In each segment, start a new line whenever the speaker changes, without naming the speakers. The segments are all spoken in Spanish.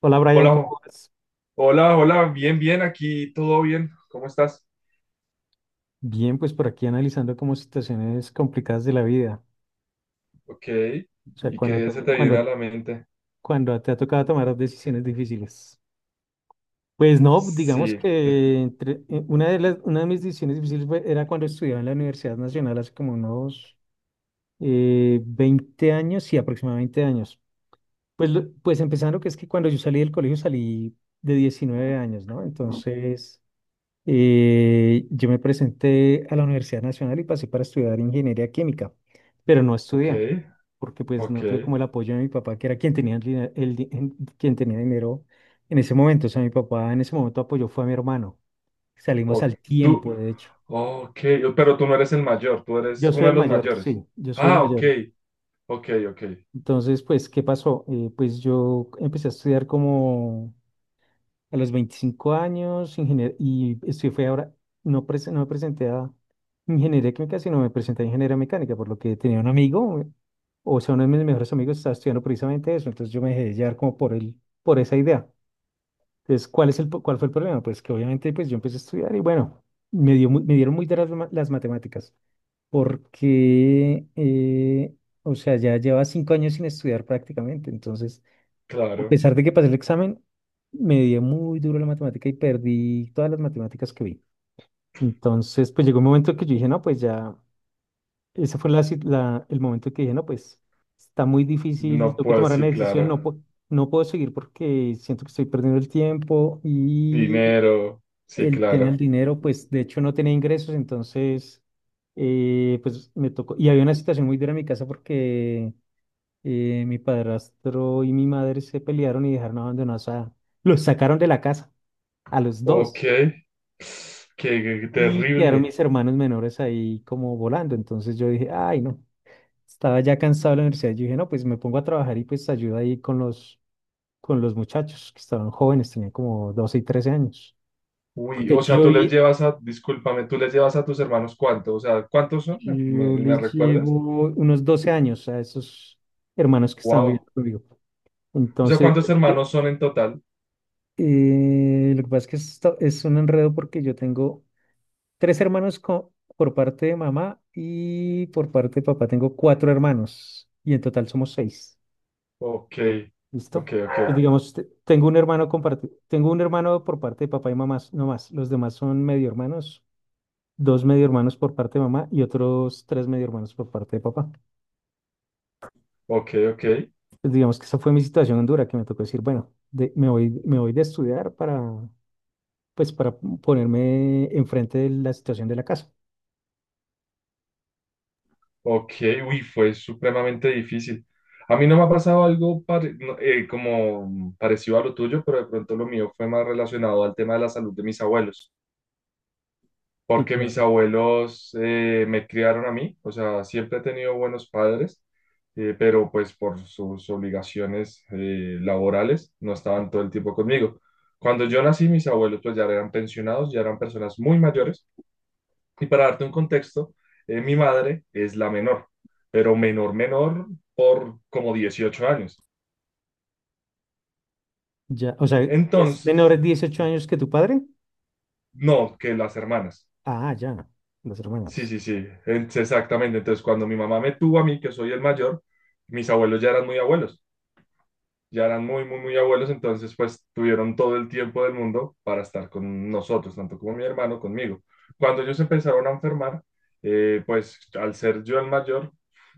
Hola
Hola,
Brian, ¿cómo vas?
Hola, hola, bien, bien, aquí todo bien, ¿cómo estás?
Bien, pues por aquí analizando como situaciones complicadas de la vida,
Ok.
o sea,
¿Y
cuando
qué
te,
se te viene a la
cuando,
mente?
cuando te ha tocado tomar decisiones difíciles. Pues no, digamos
Sí,
que entre, una de las, una de mis decisiones difíciles era cuando estudiaba en la Universidad Nacional hace como unos 20 años, sí, aproximadamente 20 años. Pues, pues empezando que es que cuando yo salí del colegio salí de 19 años, ¿no? Entonces… yo me presenté a la Universidad Nacional y pasé para estudiar ingeniería química, pero no
ok,
estudié, porque pues
ok,
no tuve como el apoyo de mi papá, que era quien tenía el, dina- el di- en- quien tenía dinero en ese momento. O sea, mi papá en ese momento apoyó fue a mi hermano. Salimos
ok,
al
tú,
tiempo, de hecho.
ok, oh, pero tú no eres el mayor, tú eres
Yo
uno
soy
de
el
los
mayor,
mayores.
sí, yo soy el
Ah, ok,
mayor.
ok, ok,
Entonces, pues, ¿qué pasó? Pues yo empecé a estudiar como a los 25 años, ingenier y estoy, fue ahora, no, no me presenté a ingeniería química, sino me presenté a ingeniería mecánica, por lo que tenía un amigo, o sea, uno de mis mejores amigos estaba estudiando precisamente eso, entonces yo me dejé llevar como por esa idea. Entonces, ¿cuál fue el problema? Pues que obviamente pues yo empecé a estudiar y bueno, me dieron muy duras las matemáticas, porque, o sea, ya llevaba cinco años sin estudiar prácticamente, entonces a
claro,
pesar de que pasé el examen, me dio muy duro la matemática y perdí todas las matemáticas que vi. Entonces, pues llegó un momento que yo dije, no, pues ya, ese fue el momento que dije, no, pues está muy difícil,
no
tengo que
puedo,
tomar una
sí,
decisión,
claro,
no, no puedo seguir porque siento que estoy perdiendo el tiempo y
dinero, sí,
el tema del
claro,
dinero, pues de hecho no tenía ingresos, entonces, pues me tocó, y había una situación muy dura en mi casa porque mi padrastro y mi madre se pelearon y dejaron abandonados a… Los sacaron de la casa, a los
ok,
dos.
qué
Y quedaron
terrible.
mis hermanos menores ahí como volando. Entonces yo dije, ay, no, estaba ya cansado de la universidad. Yo dije, no, pues me pongo a trabajar y pues ayudo ahí con los muchachos que estaban jóvenes, tenían como 12 y trece años.
Uy,
Porque
o sea,
yo,
tú les
y-
llevas a, discúlpame, tú les llevas a tus hermanos cuánto, o sea, ¿cuántos son? ¿Me,
yo
me- me
les
recuerdas?
llevo unos 12 años a esos hermanos que están
Wow.
viviendo conmigo.
O sea,
Entonces,
¿cuántos hermanos son en total?
Lo que pasa es que esto es un enredo porque yo tengo tres por parte de mamá y por parte de papá tengo cuatro hermanos y en total somos seis.
Ok,
¿Listo?
ok,
Pues
ok,
digamos, tengo un tengo un hermano por parte de papá y mamá, no más. Los demás son medio hermanos, dos medio hermanos por parte de mamá y otros tres medio hermanos por parte de papá.
ok, ok,
Pues digamos que esa fue mi situación en dura, que me tocó decir, bueno, me voy de estudiar para, pues, para ponerme enfrente de la situación de la casa.
ok, uy, fue supremamente difícil. A mí no me ha pasado algo no, como parecido a lo tuyo, pero de pronto lo mío fue más relacionado al tema de la salud de mis abuelos.
Sí,
Porque
claro.
mis abuelos me criaron a mí, o sea, siempre he tenido buenos padres, pero pues por sus obligaciones laborales no estaban todo el tiempo conmigo. Cuando yo nací, mis abuelos pues ya eran pensionados, ya eran personas muy mayores, y para darte un contexto, mi madre es la menor, pero menor, menor por como 18 años.
Ya, o sea, ¿es
Entonces,
menor de 18 años que tu padre?
no, que las hermanas.
Ah, ya, las
Sí,
hermanas.
sí, sí. Exactamente. Entonces, cuando mi mamá me tuvo a mí, que soy el mayor, mis abuelos ya eran muy, muy, muy abuelos, entonces pues tuvieron todo el tiempo del mundo para estar con nosotros, tanto como mi hermano, conmigo. Cuando ellos empezaron a enfermar, pues al ser yo el mayor,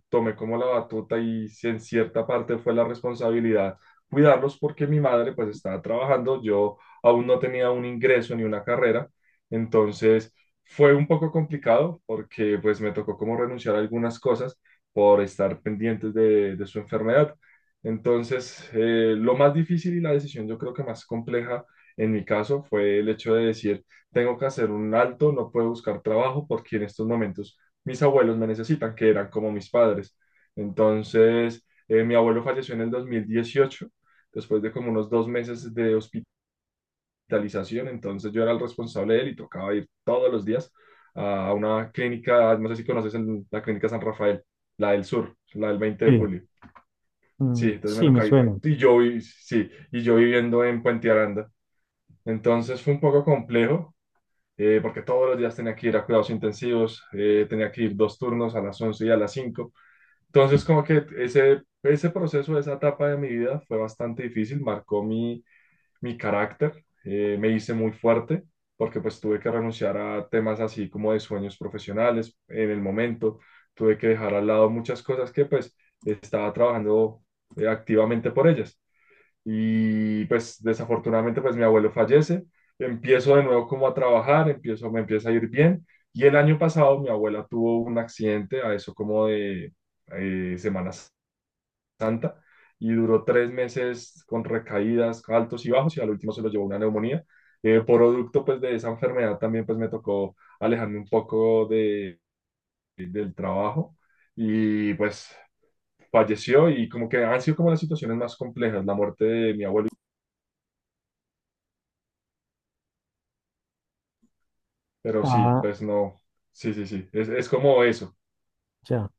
tomé como la batuta y si en cierta parte fue la responsabilidad cuidarlos porque mi madre pues estaba trabajando, yo aún no tenía un ingreso ni una carrera, entonces fue un poco complicado porque pues me tocó como renunciar a algunas cosas por estar pendientes de su enfermedad. Entonces, lo más difícil y la decisión yo creo que más compleja en mi caso fue el hecho de decir, tengo que hacer un alto, no puedo buscar trabajo porque en estos momentos mis abuelos me necesitan, que eran como mis padres. Entonces, mi abuelo falleció en el 2018 después de como unos 2 meses de hospitalización, entonces yo era el responsable de él y tocaba ir todos los días a una clínica, no sé si conoces la Clínica San Rafael, la del sur, la del 20 de
Sí,
julio.
mm,
Sí, entonces me
sí, me
tocaba ir.
suena.
Y yo, sí, y yo viviendo en Puente Aranda. Entonces fue un poco complejo, porque todos los días tenía que ir a cuidados intensivos, tenía que ir dos turnos a las 11 y a las 5. Entonces, como que ese proceso, esa etapa de mi vida fue bastante difícil, marcó mi carácter, me hice muy fuerte, porque pues tuve que renunciar a temas así como de sueños profesionales en el momento, tuve que dejar al lado muchas cosas que pues estaba trabajando activamente por ellas. Y pues desafortunadamente pues mi abuelo fallece, empiezo de nuevo como a trabajar, me empieza a ir bien. Y el año pasado mi abuela tuvo un accidente, a eso como de Semana Santa, y duró 3 meses con recaídas, altos y bajos, y al último se lo llevó una neumonía. Producto pues de esa enfermedad también pues me tocó alejarme un poco del trabajo y pues falleció y como que han sido como las situaciones más complejas, la muerte de mi abuelo. Pero sí,
Ah,
pues no. Sí, sí, sí. Es como eso.
ya.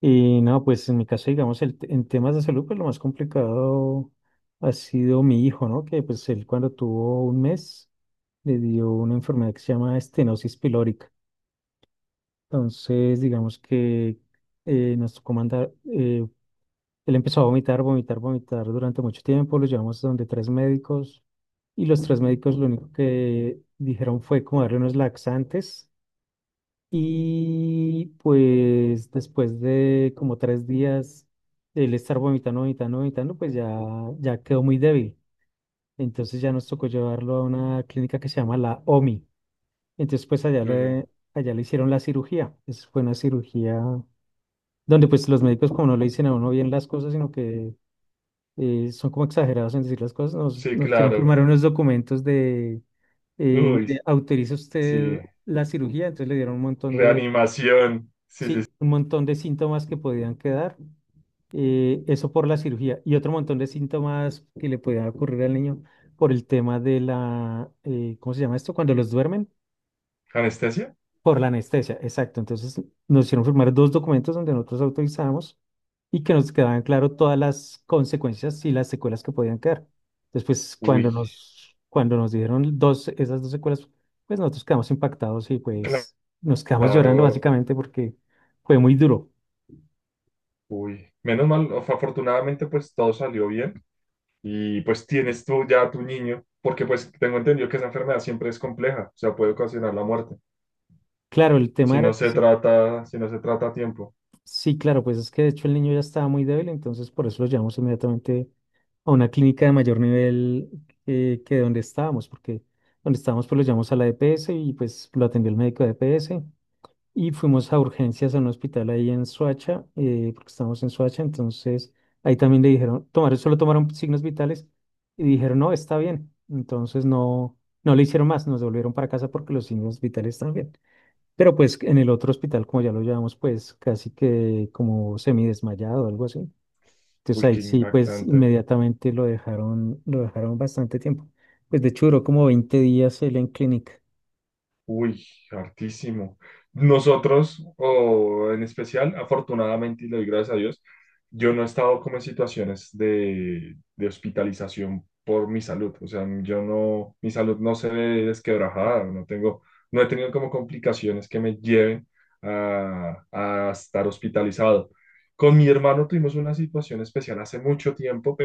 Y no, pues en mi caso, digamos, en temas de salud, pues lo más complicado ha sido mi hijo, ¿no? Que pues él cuando tuvo un mes le dio una enfermedad que se llama estenosis pilórica. Entonces, digamos que nos tocó mandar él empezó a vomitar, vomitar, vomitar durante mucho tiempo. Lo llevamos a donde tres médicos y los tres médicos lo único que dijeron fue como darle unos laxantes. Y pues después de como tres días de él estar vomitando, vomitando, vomitando, pues ya, ya quedó muy débil. Entonces ya nos tocó llevarlo a una clínica que se llama la OMI. Entonces pues
Ujú.
allá le hicieron la cirugía. Esa fue una cirugía donde pues los médicos como no le dicen a uno bien las cosas, sino que son como exagerados en decir las cosas,
Sí,
nos quieren
claro.
firmar unos documentos de,
Uy,
mire, autoriza usted
sí.
la cirugía, entonces le dieron un montón de,
Reanimación. Sí, sí, sí.
sí, un montón de síntomas que podían quedar, eso por la cirugía, y otro montón de síntomas que le podían ocurrir al niño por el tema de la ¿cómo se llama esto? Cuando los duermen.
¿Anestesia?
Por la anestesia, exacto. Entonces nos hicieron firmar dos documentos donde nosotros autorizamos y que nos quedaban claro todas las consecuencias y las secuelas que podían quedar. Después,
Uy,
cuando nos dieron dos, esas dos secuelas, pues nosotros quedamos impactados y pues nos quedamos llorando
claro.
básicamente porque fue muy duro.
Uy. Menos mal, afortunadamente, pues todo salió bien. Y pues tienes tú ya a tu niño, porque pues tengo entendido que esa enfermedad siempre es compleja, o sea, puede ocasionar la muerte.
Claro, el tema
Si
era
no
que
se trata, si no se trata a tiempo.
sí, claro, pues es que de hecho el niño ya estaba muy débil, entonces por eso lo llevamos inmediatamente a una clínica de mayor nivel que donde estábamos, porque donde estábamos pues lo llevamos a la EPS y pues lo atendió el médico de EPS y fuimos a urgencias a un hospital ahí en Soacha, porque estábamos en Soacha, entonces ahí también le dijeron, tomaron, solo tomaron signos vitales y dijeron, no, está bien, entonces no, no le hicieron más, nos devolvieron para casa porque los signos vitales están bien. Pero pues en el otro hospital, como ya lo llevamos, pues casi que como semidesmayado o algo así. Entonces
Uy,
ahí
qué
sí, pues
impactante.
inmediatamente lo dejaron bastante tiempo. Pues de hecho duró como 20 días él en clínica.
Uy, hartísimo. Nosotros, o en especial, afortunadamente, y le doy gracias a Dios, yo no he estado como en situaciones de hospitalización por mi salud. O sea, yo no, mi salud no se ve desquebrajada, no tengo, no he tenido como complicaciones que me lleven a estar hospitalizado. Con mi hermano tuvimos una situación especial hace mucho tiempo,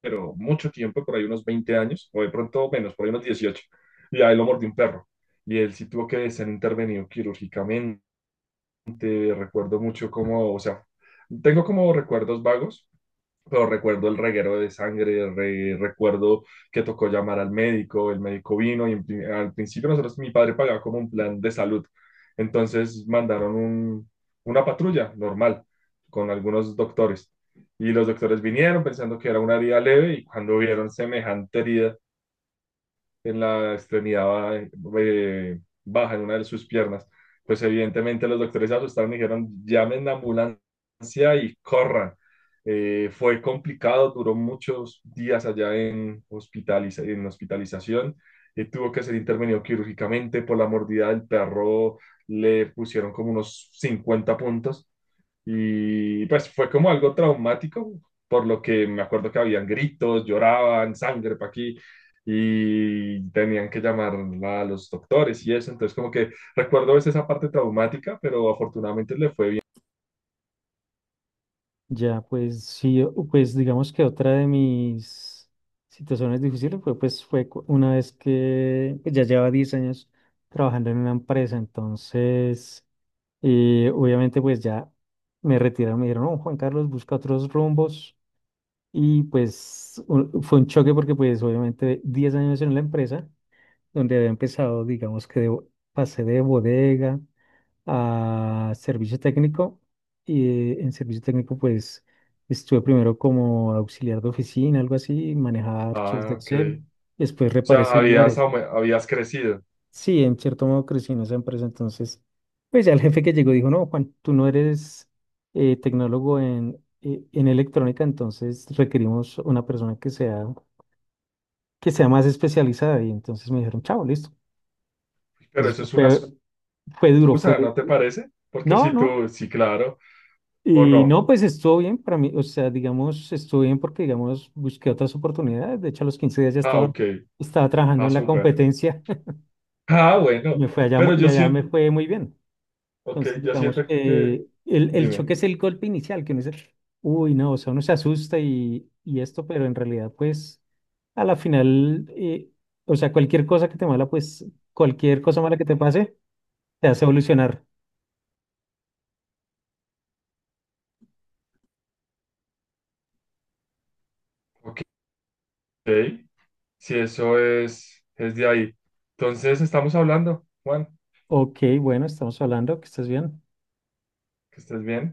pero mucho tiempo, por ahí unos 20 años, o de pronto menos, por ahí unos 18, y a él lo mordió un perro. Y él sí tuvo que ser intervenido quirúrgicamente. Recuerdo mucho cómo, o sea, tengo como recuerdos vagos, pero recuerdo el reguero de sangre, recuerdo que tocó llamar al médico. El médico vino y al principio nosotros, mi padre pagaba como un plan de salud, entonces mandaron una patrulla normal con algunos doctores, y los doctores vinieron pensando que era una herida leve y cuando vieron semejante herida en la extremidad baja, en una de sus piernas. Pues evidentemente los doctores se asustaron y dijeron, llamen la ambulancia y corran. Fue complicado, duró muchos días allá en hospitalización. Tuvo que ser intervenido quirúrgicamente por la mordida del perro. Le pusieron como unos 50 puntos y pues fue como algo traumático, por lo que me acuerdo que habían gritos, lloraban, sangre para aquí, y tenían que llamar a los doctores y eso. Entonces, como que recuerdo a veces esa parte traumática, pero afortunadamente le fue bien.
Ya pues sí, pues digamos que otra de mis situaciones difíciles fue pues una vez que pues, ya llevaba 10 años trabajando en una empresa. Entonces, obviamente pues ya me retiraron, me dijeron, no, Juan Carlos, busca otros rumbos. Y pues fue un choque porque pues obviamente 10 años en la empresa, donde había empezado, digamos que pasé de bodega a servicio técnico y en servicio técnico pues estuve primero como auxiliar de oficina, algo así, manejaba archivos de
Ah, ok.
Excel, después
O
reparé
sea,
celulares.
habías crecido,
Sí, en cierto modo crecí en esa empresa, entonces pues ya el jefe que llegó dijo, no, Juan, tú no eres tecnólogo en electrónica, entonces requerimos una persona que sea más especializada. Y entonces me dijeron, chao, listo.
pero
Entonces
eso
pues,
es una
fue, fue duro, fue
excusa,
duro.
¿no te parece? Porque
No,
si
no.
tú, sí, claro, o
Y
no.
no, pues estuvo bien para mí. O sea, digamos, estuvo bien porque, digamos, busqué otras oportunidades. De hecho, a los 15 días ya
Ah,
estaba,
ok.
estaba trabajando
Ah,
en la
súper.
competencia.
Ah, bueno.
Me fue
Pero
y
yo
allá me
siento,
fue muy bien.
ok,
Entonces,
yo
digamos
siento que,
que el
dime,
choque es el golpe inicial, que uno dice, uy, no, o sea, uno se asusta y esto, pero en realidad, pues, a la final, o sea, cualquier cosa mala que te pase, te hace evolucionar.
ok, si eso es de ahí. Entonces, estamos hablando, Juan,
Ok, bueno, estamos hablando, que estés bien.
que estés bien.